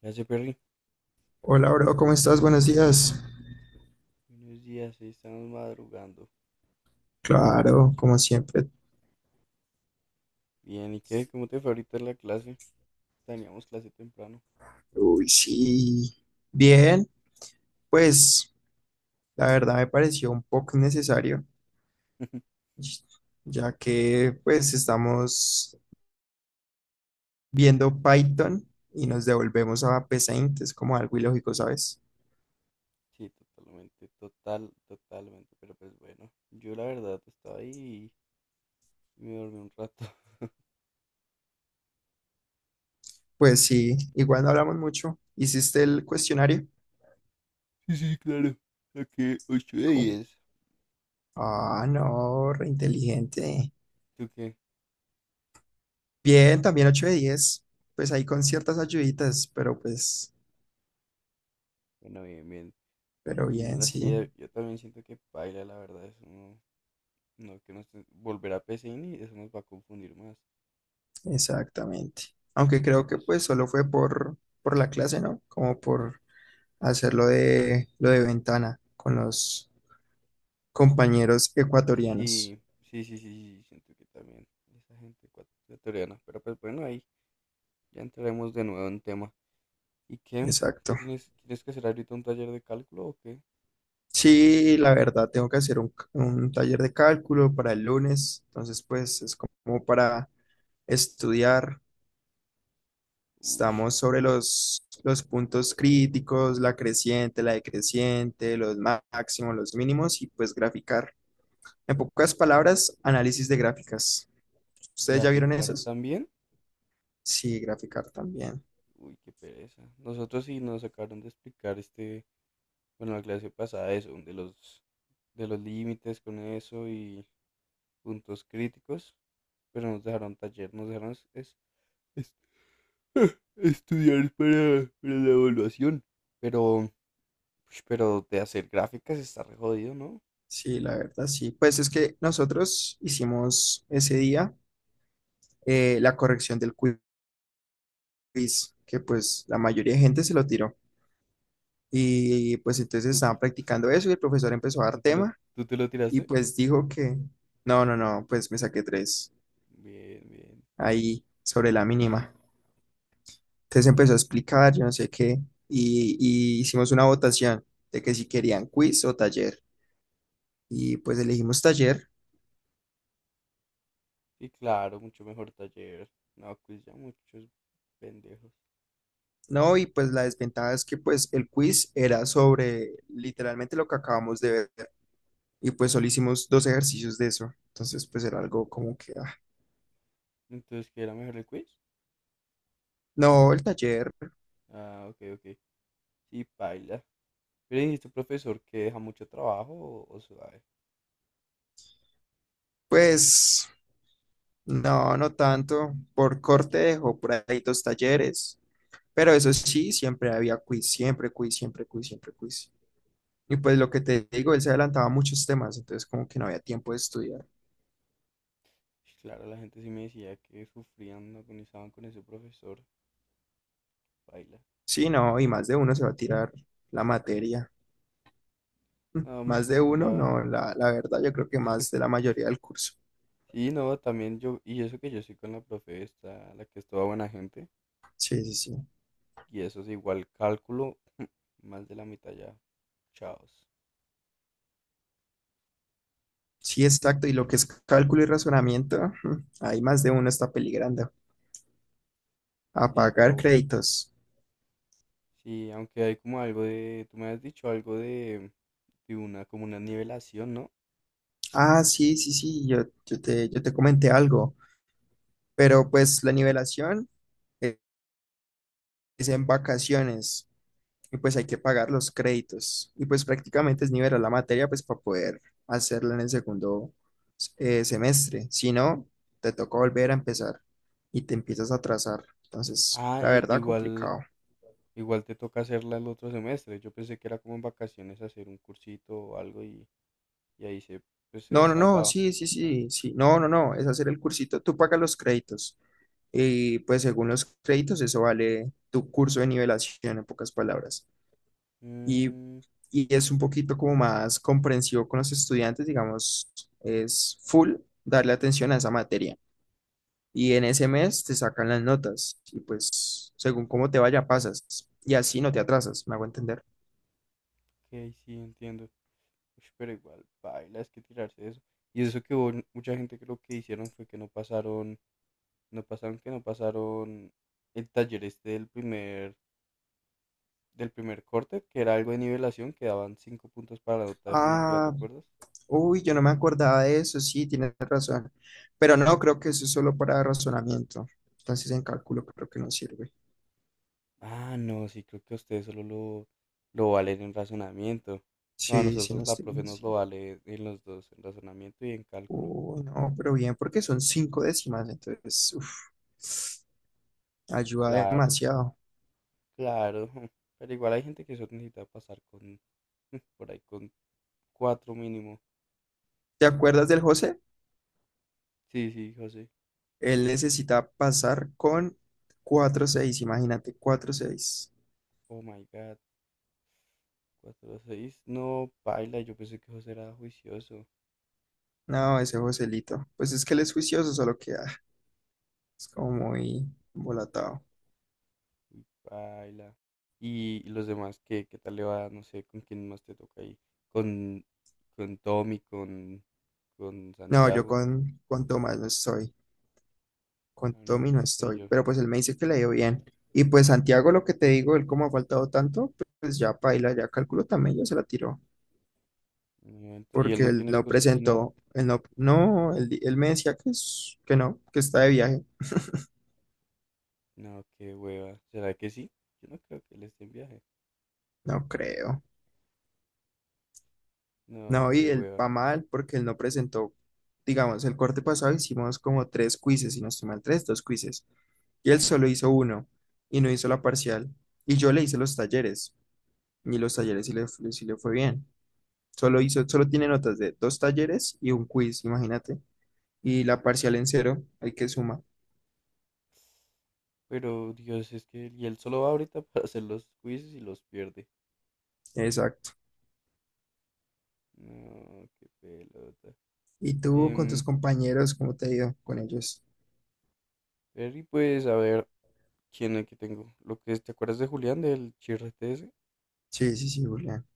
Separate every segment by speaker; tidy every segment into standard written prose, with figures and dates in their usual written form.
Speaker 1: ¿Qué hace Perry?
Speaker 2: Hola, bro, ¿cómo estás? Buenos días.
Speaker 1: Buenos días, ahí estamos madrugando.
Speaker 2: Claro, como siempre.
Speaker 1: Bien, ¿y qué? ¿Cómo te fue ahorita en la clase? Teníamos clase temprano.
Speaker 2: Uy, sí. Bien, pues la verdad me pareció un poco innecesario, ya que pues estamos viendo Python y nos devolvemos a PSeInt, es como algo ilógico, ¿sabes?
Speaker 1: Sí, totalmente, total, totalmente, pero pues bueno, yo la verdad estaba ahí y me dormí un rato.
Speaker 2: Pues sí, igual no hablamos mucho. ¿Hiciste el cuestionario?
Speaker 1: Sí, sí, claro. Saqué 8 de
Speaker 2: ¿Cómo?
Speaker 1: 10.
Speaker 2: Ah, no, reinteligente.
Speaker 1: ¿Tú qué?
Speaker 2: Bien, también 8 de 10. Pues ahí con ciertas ayuditas, pero pues,
Speaker 1: Bueno, bien, bien.
Speaker 2: pero
Speaker 1: Y
Speaker 2: bien,
Speaker 1: no
Speaker 2: sí.
Speaker 1: sé, yo también siento que paila, la verdad, eso no, no que nos volver a PCIN y eso nos va a confundir más.
Speaker 2: Exactamente. Aunque
Speaker 1: Pero
Speaker 2: creo que pues
Speaker 1: pues
Speaker 2: solo fue por la clase, ¿no? Como por hacer lo de ventana con los compañeros ecuatorianos.
Speaker 1: sí, sí, sí, sí, sí, siento que también esa gente ecuatoriana. Pero pues bueno, ahí ya entraremos de nuevo en tema. ¿Y qué?
Speaker 2: Exacto.
Speaker 1: ¿Qué tienes? ¿Tienes que hacer ahorita un taller de cálculo o qué?
Speaker 2: Sí, la verdad, tengo que hacer un taller de cálculo para el lunes. Entonces, pues es como para estudiar.
Speaker 1: Uy,
Speaker 2: Estamos sobre los puntos críticos, la creciente, la decreciente, los máximos, los mínimos y pues graficar. En pocas palabras, análisis de gráficas. ¿Ustedes ya vieron
Speaker 1: ¿graficar
Speaker 2: esos?
Speaker 1: también?
Speaker 2: Sí, graficar también.
Speaker 1: Uy, qué pereza. Nosotros sí nos acabaron de explicar este, bueno, la clase pasada eso, de los límites con eso y puntos críticos, pero nos dejaron taller, nos dejaron es- estudiar para la evaluación. Pero ush, pero de hacer gráficas está re jodido, ¿no?
Speaker 2: Sí, la verdad, sí. Pues es que nosotros hicimos ese día la corrección del quiz, que pues la mayoría de gente se lo tiró. Y pues entonces
Speaker 1: ¿Tú te,
Speaker 2: estaban practicando eso y el profesor empezó a dar
Speaker 1: tú te lo,
Speaker 2: tema
Speaker 1: tú te lo
Speaker 2: y
Speaker 1: tiraste?
Speaker 2: pues dijo que, no, no, no, pues me saqué tres
Speaker 1: Bien, bien,
Speaker 2: ahí sobre la mínima. Entonces
Speaker 1: está
Speaker 2: empezó a
Speaker 1: bien.
Speaker 2: explicar, yo no sé qué, y hicimos una votación de que si querían quiz o taller. Y pues elegimos taller.
Speaker 1: Y claro, mucho mejor taller. No, quiz ya muchos pendejos.
Speaker 2: No, y pues la desventaja es que pues el quiz era sobre literalmente lo que acabamos de ver y pues solo hicimos dos ejercicios de eso. Entonces pues era algo como que, ah,
Speaker 1: Entonces, ¿qué era mejor el quiz?
Speaker 2: no, el taller,
Speaker 1: Ah, ok, ok. Sí, paila. Pero dijiste, profesor, que deja mucho trabajo o suave.
Speaker 2: pues no, no tanto. Por corte dejó por ahí dos talleres, pero eso sí, siempre había quiz, siempre quiz, siempre quiz, siempre quiz. Y pues lo que te digo, él se adelantaba a muchos temas, entonces como que no había tiempo de estudiar.
Speaker 1: Y claro, la gente sí me decía que sufrían, agonizaban con ese profesor. Paila.
Speaker 2: Sí, no, y más de uno se va a tirar la materia.
Speaker 1: No,
Speaker 2: Más
Speaker 1: mucho
Speaker 2: de
Speaker 1: mejor
Speaker 2: uno,
Speaker 1: la...
Speaker 2: no, la verdad, yo creo que más de la mayoría del curso.
Speaker 1: Sí, no, también yo, y eso que yo soy con la profe esta, la que es toda buena gente.
Speaker 2: Sí, sí, sí.
Speaker 1: Y eso es igual cálculo, más de la mitad ya. Chaos.
Speaker 2: Sí, exacto. Y lo que es cálculo y razonamiento, ahí más de uno está peligrando. A
Speaker 1: Sí,
Speaker 2: pagar
Speaker 1: pero
Speaker 2: créditos.
Speaker 1: sí, aunque hay como algo de, tú me has dicho algo de una, como una nivelación, ¿no?
Speaker 2: Ah, sí, sí, sí, yo te comenté algo, pero pues la nivelación e- es en vacaciones. Y pues hay que pagar los créditos. Y pues prácticamente es nivelar la materia pues para poder hacerla en el segundo semestre. Si no, te toca volver a empezar y te empiezas a atrasar. Entonces,
Speaker 1: Ah,
Speaker 2: la
Speaker 1: i-
Speaker 2: verdad,
Speaker 1: igual,
Speaker 2: complicado.
Speaker 1: igual te toca hacerla el otro semestre. Yo pensé que era como en vacaciones hacer un cursito o algo y ahí se, pues, se
Speaker 2: No, no, no,
Speaker 1: salvaba.
Speaker 2: sí, sí, sí, sí. No, no, no, es hacer el cursito. Tú pagas los créditos. Y pues según los créditos, eso vale tu curso de nivelación, en pocas palabras. y,
Speaker 1: Mm,
Speaker 2: y es un poquito como más comprensivo con los estudiantes, digamos, es full darle atención a esa materia. Y en ese mes te sacan las notas y pues según cómo te vaya pasas y así no te atrasas, me hago entender.
Speaker 1: ok, sí, entiendo. Ush, pero igual, baila, es que tirarse eso. Y eso que hubo mucha gente creo que hicieron fue que no pasaron el taller este del primer corte, que era algo de nivelación, que daban cinco puntos para la nota definitiva, ¿te
Speaker 2: Ah,
Speaker 1: acuerdas?
Speaker 2: uy, yo no me acordaba de eso, sí, tienes razón, pero no creo que eso es solo para razonamiento, entonces en cálculo creo que no sirve.
Speaker 1: Ah, no, sí, creo que ustedes solo lo valen en razonamiento. No, a
Speaker 2: Sí, sí,
Speaker 1: nosotros
Speaker 2: no
Speaker 1: la
Speaker 2: estoy
Speaker 1: profe
Speaker 2: mal,
Speaker 1: nos
Speaker 2: sí.
Speaker 1: lo vale en los dos, en razonamiento y en cálculo.
Speaker 2: Uy, no, pero bien, porque son cinco décimas, entonces, uff. Ayuda
Speaker 1: Claro,
Speaker 2: demasiado.
Speaker 1: claro. Pero igual hay gente que solo necesita pasar con, por ahí, con cuatro mínimo.
Speaker 2: ¿Te acuerdas del José?
Speaker 1: Sí, sí, José.
Speaker 2: Él necesita pasar con 4.6, imagínate, 4.6.
Speaker 1: Oh my God, cuatro a seis. No, paila, yo pensé que José era juicioso.
Speaker 2: No, ese Joselito. Pues es que él es juicioso, solo que es como muy volatado.
Speaker 1: Uy, baila. Y los demás, ¿qué, qué tal le va? No sé, ¿con quién más te toca ahí? Con, con Tommy, con
Speaker 2: No, yo
Speaker 1: Santiago.
Speaker 2: con Tomás no estoy, con
Speaker 1: Ah, no,
Speaker 2: Tommy no
Speaker 1: entonces soy
Speaker 2: estoy,
Speaker 1: yo.
Speaker 2: pero pues él me dice que le dio bien. Y pues Santiago, lo que te digo, él como ha faltado tanto, pues ya paila, ya calculo también, ya se la tiró,
Speaker 1: No, ento- ¿Y él
Speaker 2: porque
Speaker 1: no
Speaker 2: él
Speaker 1: tiene
Speaker 2: no
Speaker 1: excusas ni nada?
Speaker 2: presentó, él no, no, él me decía que, que no, que está de viaje.
Speaker 1: No, qué hueva. ¿Será que sí? Yo no creo que él esté en viaje.
Speaker 2: No creo.
Speaker 1: No,
Speaker 2: No,
Speaker 1: qué
Speaker 2: y él
Speaker 1: hueva.
Speaker 2: va mal porque él no presentó, digamos, el corte pasado hicimos como tres quizzes, si no estoy mal, tres, dos quizzes. Y él solo hizo uno y no hizo la parcial. Y yo le hice los talleres y los talleres sí le fue bien. Solo hizo, solo tiene notas de dos talleres y un quiz, imagínate. Y la parcial en cero, hay que suma.
Speaker 1: Pero Dios, es que él, y él solo va ahorita para hacer los quizzes y los pierde.
Speaker 2: Exacto.
Speaker 1: No, qué pelota.
Speaker 2: ¿Y tú con
Speaker 1: Em,
Speaker 2: tus compañeros, cómo te ha ido con ellos?
Speaker 1: Perry, pues a ver, ¿quién es que tengo? Lo que es, ¿te acuerdas de Julián, del chirrete ese?
Speaker 2: Sí, sí, sí, Julián.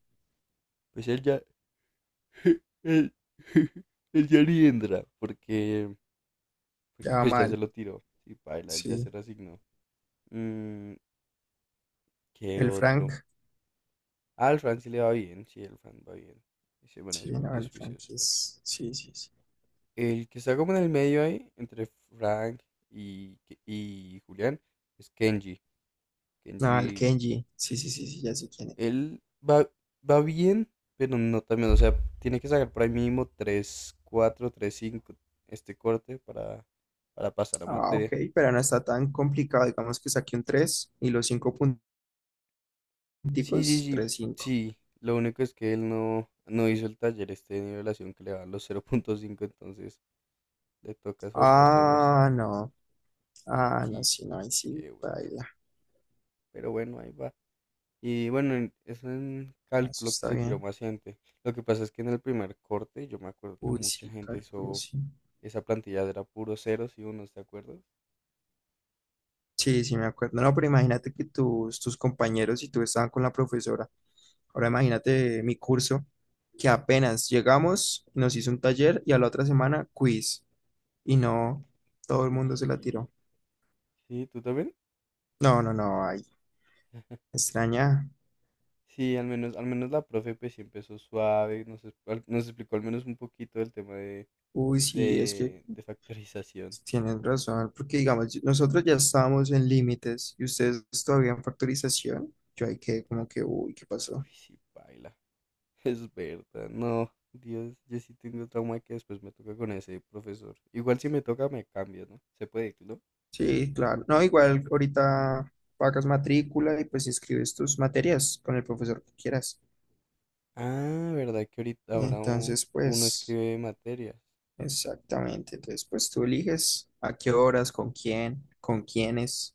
Speaker 1: Pues él ya, el, el ya ni entra, porque, porque
Speaker 2: Ya va
Speaker 1: pues ya se
Speaker 2: mal,
Speaker 1: lo tiró. Y baila, él ya se
Speaker 2: sí.
Speaker 1: resignó. Mm, ¿qué
Speaker 2: El Frank,
Speaker 1: otro? Ah, al Fran sí le va bien, sí, el Fran va bien. Ese, bueno,
Speaker 2: sí,
Speaker 1: es, ju-
Speaker 2: no,
Speaker 1: es
Speaker 2: el Frank
Speaker 1: juicioso.
Speaker 2: es, sí, sí, sí.
Speaker 1: El que está como en el medio ahí, entre Frank y, Ke- y Julián, es Kenji.
Speaker 2: Ah, el
Speaker 1: Kenji,
Speaker 2: Kenji. Sí, sí, sí, sí, ya sé quién es.
Speaker 1: él va, va bien, pero no también, o sea, tiene que sacar por ahí mínimo 3 4 3 5 este corte para pasar a
Speaker 2: Ah, ok,
Speaker 1: materia.
Speaker 2: pero no está tan complicado. Digamos que saqué un tres y los cinco
Speaker 1: Sí, sí,
Speaker 2: punticos,
Speaker 1: sí,
Speaker 2: 3.5.
Speaker 1: sí. Lo único es que él no hizo el taller este de nivelación que le da los cero punto cinco entonces le toca esforzarse más.
Speaker 2: Ah, no. Ah, no,
Speaker 1: Sí,
Speaker 2: sí, no, ahí sí,
Speaker 1: qué hueva.
Speaker 2: baila.
Speaker 1: Pero bueno, ahí va. Y bueno, en- es un
Speaker 2: Ah, eso
Speaker 1: cálculo que
Speaker 2: está
Speaker 1: se tiró
Speaker 2: bien.
Speaker 1: más gente. Lo que pasa es que en el primer corte yo me acuerdo que
Speaker 2: Uy,
Speaker 1: mucha
Speaker 2: sí,
Speaker 1: gente
Speaker 2: cálculo,
Speaker 1: hizo
Speaker 2: sí.
Speaker 1: esa plantilla era puro ceros y unos, ¿te acuerdas?
Speaker 2: Sí, sí, me acuerdo. No, pero imagínate que tus compañeros y tú estaban con la profesora. Ahora imagínate mi curso, que apenas llegamos, nos hizo un taller y a la otra semana quiz. Y no, todo el
Speaker 1: Uy,
Speaker 2: mundo se la
Speaker 1: sí.
Speaker 2: tiró.
Speaker 1: Sí, ¿tú también?
Speaker 2: No, no, no, ahí extraña.
Speaker 1: Sí, al menos la profe pues sí empezó suave, nos, es- al- nos explicó al menos un poquito del tema de
Speaker 2: Uy, sí, es que
Speaker 1: de factorización.
Speaker 2: tienen razón, porque digamos, nosotros ya estábamos en límites y ustedes todavía en factorización. Yo ahí que, como que, uy, ¿qué pasó?
Speaker 1: Uy, sí, paila. Es verdad. No, Dios, yo sí tengo trauma que después me toca con ese profesor. Igual si me toca, me cambio, ¿no? Se puede, ¿no?
Speaker 2: Sí, claro. No, igual ahorita pagas matrícula y pues inscribes tus materias con el profesor que quieras.
Speaker 1: Ah, ¿verdad que ahorita ahora u-
Speaker 2: Entonces,
Speaker 1: uno
Speaker 2: pues,
Speaker 1: escribe materias?
Speaker 2: exactamente. Entonces, pues tú eliges a qué horas, con quién, con quiénes.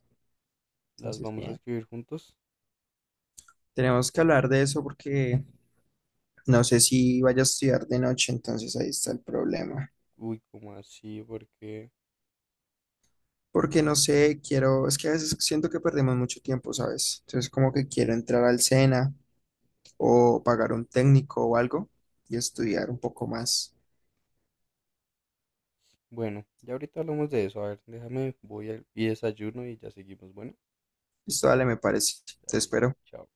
Speaker 1: ¿Las
Speaker 2: Entonces,
Speaker 1: vamos a
Speaker 2: bien.
Speaker 1: escribir juntos?
Speaker 2: Tenemos que hablar de eso porque no sé si vaya a estudiar de noche, entonces ahí está el problema.
Speaker 1: Uy, ¿cómo así? Porque,
Speaker 2: Porque no sé, quiero, es que a veces siento que perdemos mucho tiempo, ¿sabes? Entonces como que quiero entrar al SENA o pagar un técnico o algo y estudiar un poco más.
Speaker 1: bueno, ya ahorita hablamos de eso. A ver, déjame, voy al- y desayuno y ya seguimos. Bueno,
Speaker 2: Esto dale, me parece. Te
Speaker 1: dale, dale,
Speaker 2: espero.
Speaker 1: chao.